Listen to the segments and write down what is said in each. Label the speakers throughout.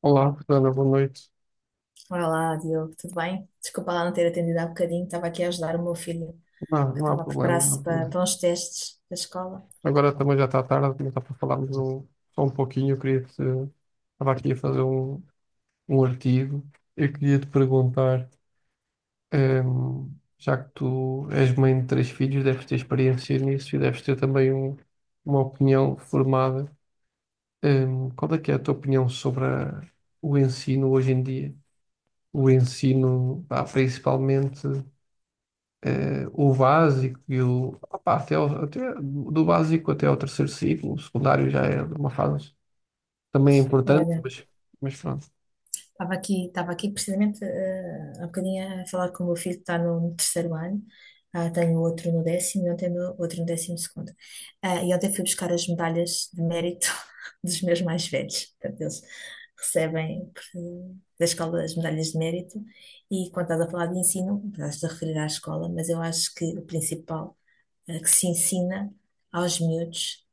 Speaker 1: Olá, Fernanda, boa noite.
Speaker 2: Olá, Diogo, tudo bem? Desculpa lá não ter atendido há bocadinho, estava aqui a ajudar o meu filho
Speaker 1: Não,
Speaker 2: que
Speaker 1: não há
Speaker 2: estava a
Speaker 1: problema, não
Speaker 2: preparar-se
Speaker 1: há
Speaker 2: para,
Speaker 1: problema.
Speaker 2: para uns testes da escola.
Speaker 1: Agora também já está tarde, também está para falarmos só um pouquinho. Estava aqui a fazer um artigo. Eu queria te perguntar, ehm, já que tu és mãe de três filhos, deves ter experiência nisso e deves ter também uma opinião formada. Qual é que é a tua opinião sobre o ensino hoje em dia? O ensino, pá, principalmente. O básico e o. opá, até, até do básico até ao terceiro ciclo, o secundário já é uma fase também importante,
Speaker 2: Olha,
Speaker 1: mas pronto.
Speaker 2: estava aqui precisamente há bocadinho a falar com o meu filho que está no terceiro ano. Ah, tenho outro no décimo e ontem no, outro no décimo segundo. Ah, e ontem fui buscar as medalhas de mérito dos meus mais velhos. Portanto, eles recebem por- da escola as medalhas de mérito. E quando estás a falar de ensino, estás a referir à escola, mas eu acho que o principal que se ensina aos miúdos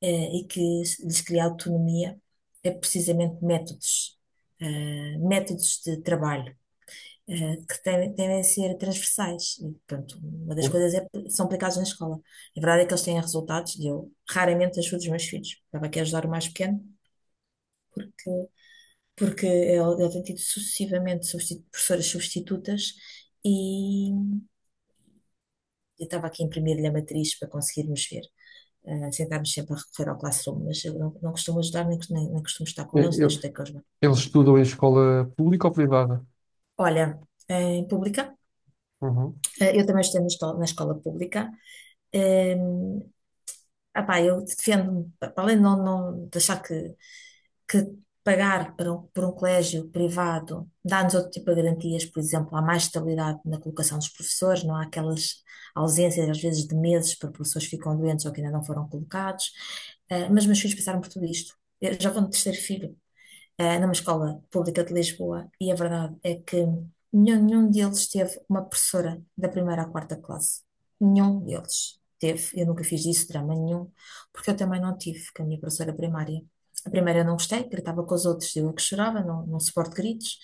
Speaker 2: e que lhes cria autonomia é precisamente métodos, métodos de trabalho que devem ser transversais. E, portanto, uma das coisas é, que são aplicados na escola. A verdade é que eles têm resultados e eu raramente ajudo os meus filhos. Estava aqui a ajudar o mais pequeno porque, porque ele tem tido sucessivamente professoras substitutas e eu estava aqui a imprimir-lhe a matriz para conseguirmos ver. Sentámos sempre a recorrer ao Classroom, mas eu não costumo ajudar, nem costumo estar com
Speaker 1: Eu-
Speaker 2: eles, nem
Speaker 1: eu-
Speaker 2: estudei com eles.
Speaker 1: Eles estudam em escola pública ou privada?
Speaker 2: Olha, em pública,
Speaker 1: Uhum.
Speaker 2: eu também estudei na escola pública. Um, eu defendo-me, para além de não de achar que pagar por um colégio privado dá-nos outro tipo de garantias, por exemplo, há mais estabilidade na colocação dos professores, não há aquelas ausências, às vezes, de meses, para professores que ficam doentes ou que ainda não foram colocados. Mas meus filhos passaram por tudo isto. Eu já vou no terceiro filho, numa escola pública de Lisboa, e a verdade é que nenhum deles teve uma professora da primeira à quarta classe. Nenhum deles teve. Eu nunca fiz disso drama nenhum, porque eu também não tive com a minha professora primária. A primeira eu não gostei, gritava com os outros, eu é que chorava, não suporto gritos.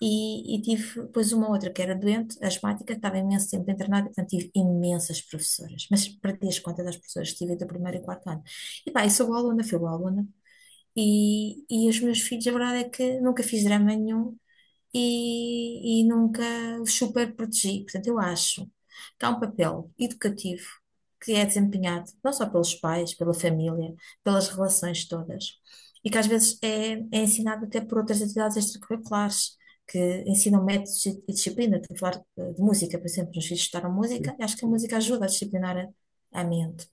Speaker 2: E tive depois uma outra que era doente, asmática, estava imenso tempo internada, portanto tive imensas professoras. Mas perdi as contas das professoras que tive do primeiro e quarto ano. E pá, e sou boa aluna, fui boa aluna. E os meus filhos, a verdade é que nunca fiz drama nenhum e nunca os super protegi. Portanto, eu acho que há um papel educativo que é desempenhado não só pelos pais, pela família, pelas relações todas, e que às vezes é ensinado até por outras atividades extracurriculares. Que ensinam métodos e disciplina. Estou a falar de música, por exemplo, os meus filhos estudaram música e acho que a música ajuda a disciplinar a mente.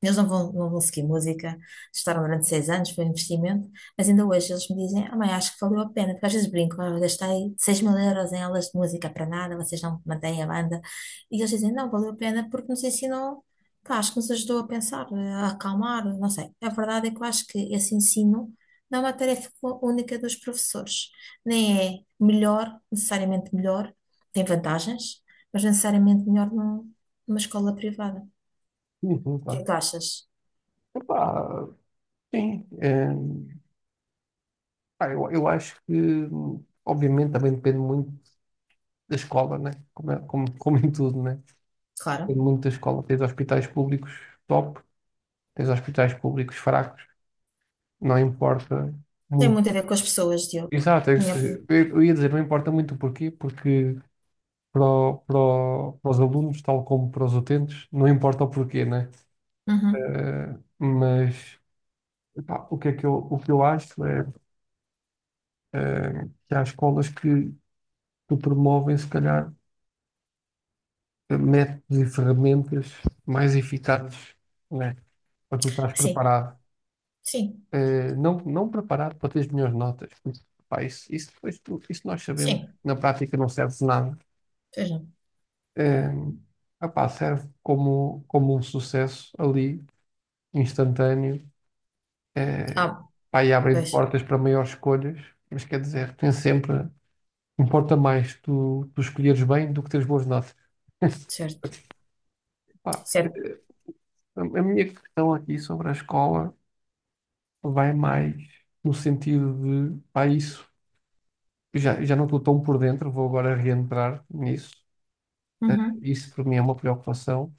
Speaker 2: Eles não vão seguir música, estudaram durante 6 anos, foi um investimento, mas ainda hoje eles me dizem, ah mãe, acho que valeu a pena, porque às vezes brinco, ah, eu gastei 6 mil euros em aulas de música para nada, vocês não mantêm a banda, e eles dizem, não, valeu a pena porque nos ensinou, pá, acho que nos ajudou a pensar, a acalmar, não sei. A verdade é que eu acho que esse ensino não é uma tarefa única dos professores, nem é necessariamente melhor, tem vantagens, mas necessariamente melhor numa escola privada. O
Speaker 1: Sim, sim,
Speaker 2: que é que
Speaker 1: claro.
Speaker 2: tu achas?
Speaker 1: Epá, sim. Pá, eu acho que, obviamente, também depende muito da escola, né? Como, como, como em tudo, né?
Speaker 2: Claro.
Speaker 1: Depende muito da escola. Tens hospitais públicos top, tens hospitais públicos fracos, não importa
Speaker 2: Tem
Speaker 1: muito.
Speaker 2: muito a ver com as pessoas, Diogo.
Speaker 1: Exato, é que
Speaker 2: Minha opinião.
Speaker 1: eu ia dizer, não importa muito o porquê, porque para, para, para os alunos, tal como para os utentes, não importa o porquê, né?
Speaker 2: Uhum.
Speaker 1: Eh, mas pá, o que é que o que eu acho é que há escolas que promovem, se calhar, métodos e ferramentas mais eficazes, né? Para tu estás
Speaker 2: Sim,
Speaker 1: preparado.
Speaker 2: sim,
Speaker 1: Eh, não, não preparado para teres melhores notas. Pá, isso, depois isso nós sabemos,
Speaker 2: sim.
Speaker 1: na prática não serve de nada.
Speaker 2: Pois não.
Speaker 1: eh, Opá, serve como, como um sucesso ali, instantâneo, eh,
Speaker 2: Ah,
Speaker 1: pá, e abrem
Speaker 2: pois,
Speaker 1: portas para maiores escolhas, mas quer dizer, tem sempre, importa mais tu escolheres bem do que teres boas notas.
Speaker 2: certo.
Speaker 1: Pá,
Speaker 2: Certo.
Speaker 1: a minha questão aqui sobre a escola vai mais no sentido de, pá, isso, já, já não estou tão por dentro, vou agora reentrar nisso. Eh,
Speaker 2: Uhum.
Speaker 1: isso para mim é uma preocupação.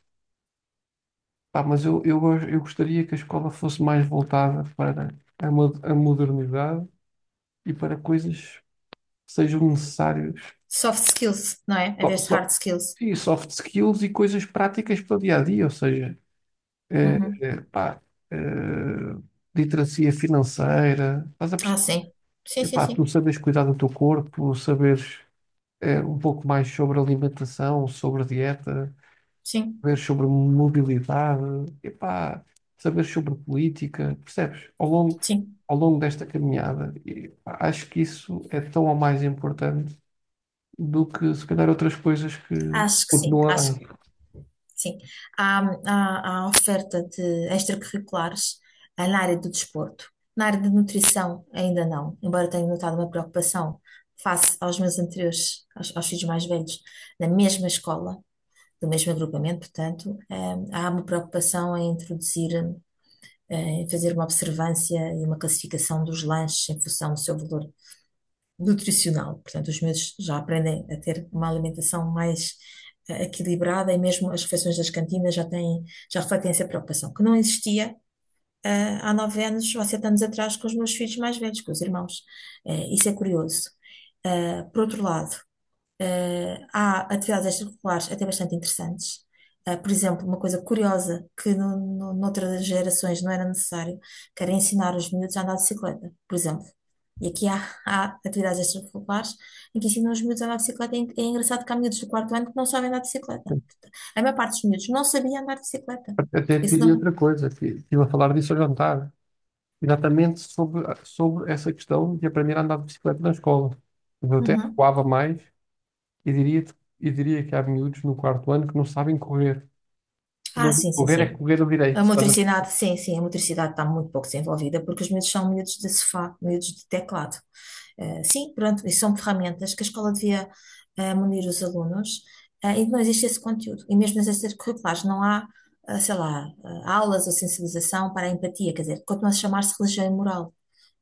Speaker 1: Pá, mas eu gostaria que a escola fosse mais voltada para a modernidade e para coisas que sejam necessárias.
Speaker 2: Soft skills, não é? Em
Speaker 1: Só,
Speaker 2: vez de
Speaker 1: só-
Speaker 2: hard skills.
Speaker 1: e soft skills e coisas práticas para o dia a dia, ou seja, eh,
Speaker 2: Uhum.
Speaker 1: pá, eh, literacia financeira, estás a
Speaker 2: Ah,
Speaker 1: perceber?
Speaker 2: sim. Sim, sim,
Speaker 1: Epá, tu
Speaker 2: sim.
Speaker 1: sabes cuidar do teu corpo, saberes um pouco mais sobre alimentação, sobre dieta.
Speaker 2: Sim,
Speaker 1: Saber sobre mobilidade, epá, saber sobre política, percebes?
Speaker 2: sim.
Speaker 1: Ao longo desta caminhada, e, pá, acho que isso é tão ou mais importante do que se calhar outras coisas que
Speaker 2: Acho que sim.
Speaker 1: continuam
Speaker 2: Acho
Speaker 1: a,
Speaker 2: Sim, há, há oferta de extracurriculares ah, na área do desporto. Na área de nutrição, ainda não, embora tenha notado uma preocupação face aos meus anteriores, aos filhos mais velhos, na mesma escola, do mesmo agrupamento, portanto, há uma preocupação em introduzir, em fazer uma observância e uma classificação dos lanches em função do seu valor nutricional. Portanto, os miúdos já aprendem a ter uma alimentação mais equilibrada e mesmo as refeições das cantinas já têm, já refletem essa preocupação, que não existia há 9 anos ou 7 anos atrás com os meus filhos mais velhos, com os irmãos. Isso é curioso. Por outro lado, há atividades extracurriculares até bastante interessantes. Por exemplo, uma coisa curiosa que noutras gerações não era necessário, que era ensinar os miúdos a andar de bicicleta, por exemplo. E aqui há atividades extracurriculares em que ensinam os miúdos a andar de bicicleta. É engraçado que há miúdos do quarto ano que não sabem andar de bicicleta. A maior parte dos miúdos não sabia andar de bicicleta.
Speaker 1: até
Speaker 2: Isso
Speaker 1: diria
Speaker 2: não.
Speaker 1: outra coisa, que estive a falar disso ao jantar, exatamente sobre, sobre essa questão de aprender a andar de bicicleta na escola. Eu até
Speaker 2: Uhum.
Speaker 1: recuava mais e diria, e diria que há miúdos no quarto ano que não sabem correr.
Speaker 2: Ah,
Speaker 1: Não.
Speaker 2: sim, sim,
Speaker 1: Correr é
Speaker 2: sim.
Speaker 1: correr ao
Speaker 2: A
Speaker 1: direito, tá?
Speaker 2: motricidade, sim, sim, a motricidade está muito pouco desenvolvida porque os miúdos são miúdos de sofá, miúdos de teclado. Sim, pronto, isso são ferramentas que a escola devia munir os alunos, e não existe esse conteúdo. E mesmo nas extracurriculares não há, sei lá, aulas ou sensibilização para a empatia, quer dizer, continua a chamar-se religião e moral,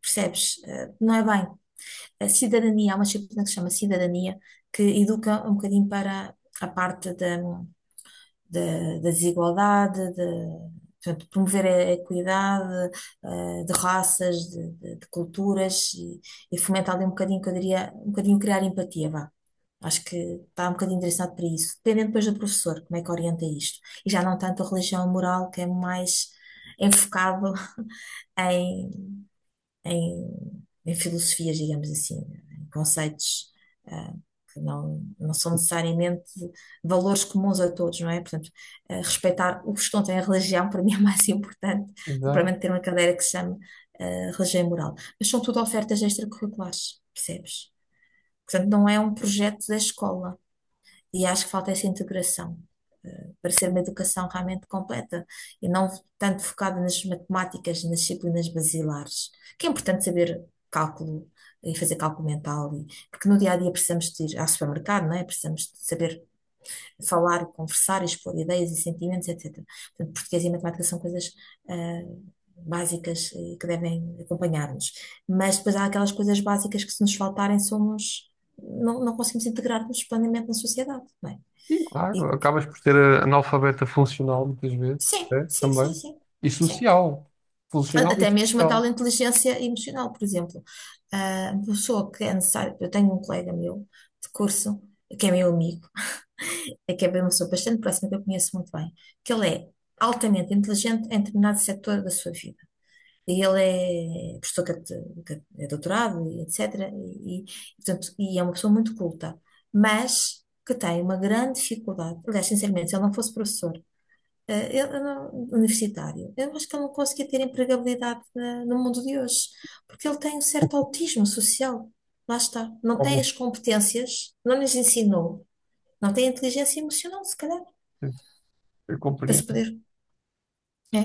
Speaker 2: percebes? Não é bem. A cidadania, há uma disciplina que se chama cidadania, que educa um bocadinho para a parte da, da desigualdade, de, portanto, promover a equidade, de raças, de culturas e fomentar ali um bocadinho, que eu diria, um bocadinho criar empatia, vá. Acho que está um bocadinho direcionado para isso, dependendo depois do professor, como é que orienta isto. E já não tanto a religião moral, que é mais enfocado em em filosofias, digamos assim, em conceitos ah, que não são necessariamente valores comuns a todos, não é? Portanto, ah, respeitar os que não têm religião, para mim é mais importante do que
Speaker 1: Exato.
Speaker 2: propriamente ter uma cadeira que se chama ah, religião e moral. Mas são tudo ofertas extracurriculares, percebes? Portanto, não é um projeto da escola. E acho que falta essa integração, para ser uma educação realmente completa e não tanto focada nas matemáticas, nas disciplinas basilares, que é importante saber cálculo e fazer cálculo mental, porque no dia a dia precisamos de ir ao supermercado, não é? Precisamos de saber falar, conversar, expor ideias e sentimentos, etc. Portanto, português e matemática são coisas eh, básicas e que devem acompanhar-nos. Mas depois há aquelas coisas básicas que, se nos faltarem, somos. Não, não conseguimos integrar-nos plenamente na sociedade, não é?
Speaker 1: E
Speaker 2: E
Speaker 1: claro, acabas por ser analfabeta funcional muitas vezes,
Speaker 2: sim,
Speaker 1: até,
Speaker 2: sim, sim,
Speaker 1: também,
Speaker 2: sim,
Speaker 1: e
Speaker 2: sim.
Speaker 1: social.
Speaker 2: A-
Speaker 1: Funcional e
Speaker 2: até mesmo a tal
Speaker 1: social.
Speaker 2: inteligência emocional, por exemplo. Ah, uma pessoa que é necessário, eu tenho um colega meu de curso, que é meu amigo, é que é uma pessoa bastante próxima, que eu conheço muito bem, que ele é altamente inteligente em determinado setor da sua vida. E ele é é doutorado e etc. Portanto, e é uma pessoa muito culta, mas que tem uma grande dificuldade. Aliás, sinceramente, se ele não fosse professor, eu universitário. Eu acho que ele não conseguia ter empregabilidade no mundo de hoje, porque ele tem um certo autismo social. Lá está. Não tem
Speaker 1: Algumas
Speaker 2: as competências, não lhes ensinou, não tem inteligência emocional, se calhar,
Speaker 1: vezes, eu
Speaker 2: para se
Speaker 1: compreendo.
Speaker 2: poder. É.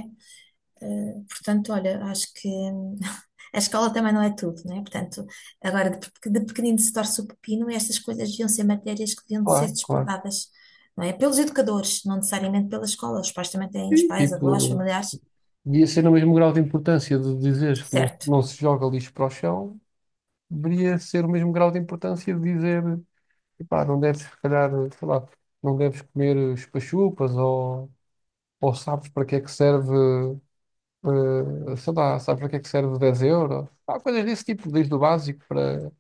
Speaker 2: Portanto, olha, acho que a escola também não é tudo, não é? Portanto, agora de pequenino se torce o pepino, estas coisas deviam ser matérias que deviam de ser
Speaker 1: Claro, claro.
Speaker 2: despertadas, não é? Pelos educadores, não necessariamente pela escola. Os pais também têm, os
Speaker 1: E
Speaker 2: pais, avós,
Speaker 1: tipo,
Speaker 2: familiares,
Speaker 1: ia ser o mesmo grau de importância de dizeres que não,
Speaker 2: certo?
Speaker 1: não se joga lixo para o chão, deveria ser o mesmo grau de importância de dizer, epá, não deves, se calhar, sei lá, não deves comer chupa-chupas ou sabes para que é que serve sei lá, sabes para que é que serve 10 euros? Há coisas desse tipo, desde o básico para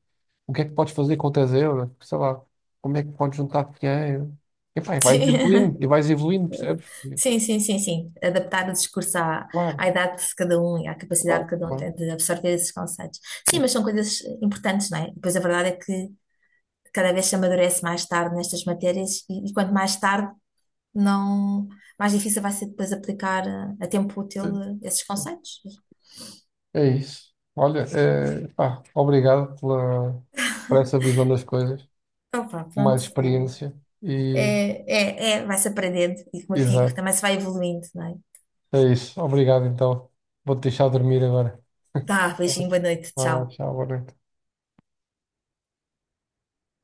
Speaker 1: o que é que podes fazer com 10 euros, sei lá, como é que podes juntar dinheiro. E, pá,
Speaker 2: Sim,
Speaker 1: e vais evoluindo, percebes? E,
Speaker 2: sim, sim, sim, sim. Adaptar o discurso à, à
Speaker 1: claro,
Speaker 2: idade de cada um e à capacidade que
Speaker 1: claro,
Speaker 2: cada um
Speaker 1: claro.
Speaker 2: tem de absorver esses conceitos. Sim, mas são coisas importantes, não é? Pois a verdade é que cada vez se amadurece mais tarde nestas matérias e quanto mais tarde, não, mais difícil vai ser depois aplicar a tempo útil
Speaker 1: Claro.
Speaker 2: esses conceitos.
Speaker 1: É isso. Olha, eh, pá, obrigado pela, por essa visão das coisas,
Speaker 2: Então,
Speaker 1: mais
Speaker 2: pronto,
Speaker 1: experiência e
Speaker 2: é, vai-se aprendendo e, como eu digo,
Speaker 1: exato.
Speaker 2: também se vai evoluindo, não é?
Speaker 1: É isso. Obrigado, então. Vou-te deixar dormir agora.
Speaker 2: Tá,
Speaker 1: Tá bem?
Speaker 2: beijinho, boa noite,
Speaker 1: Vá,
Speaker 2: tchau.
Speaker 1: tchau, boa noite.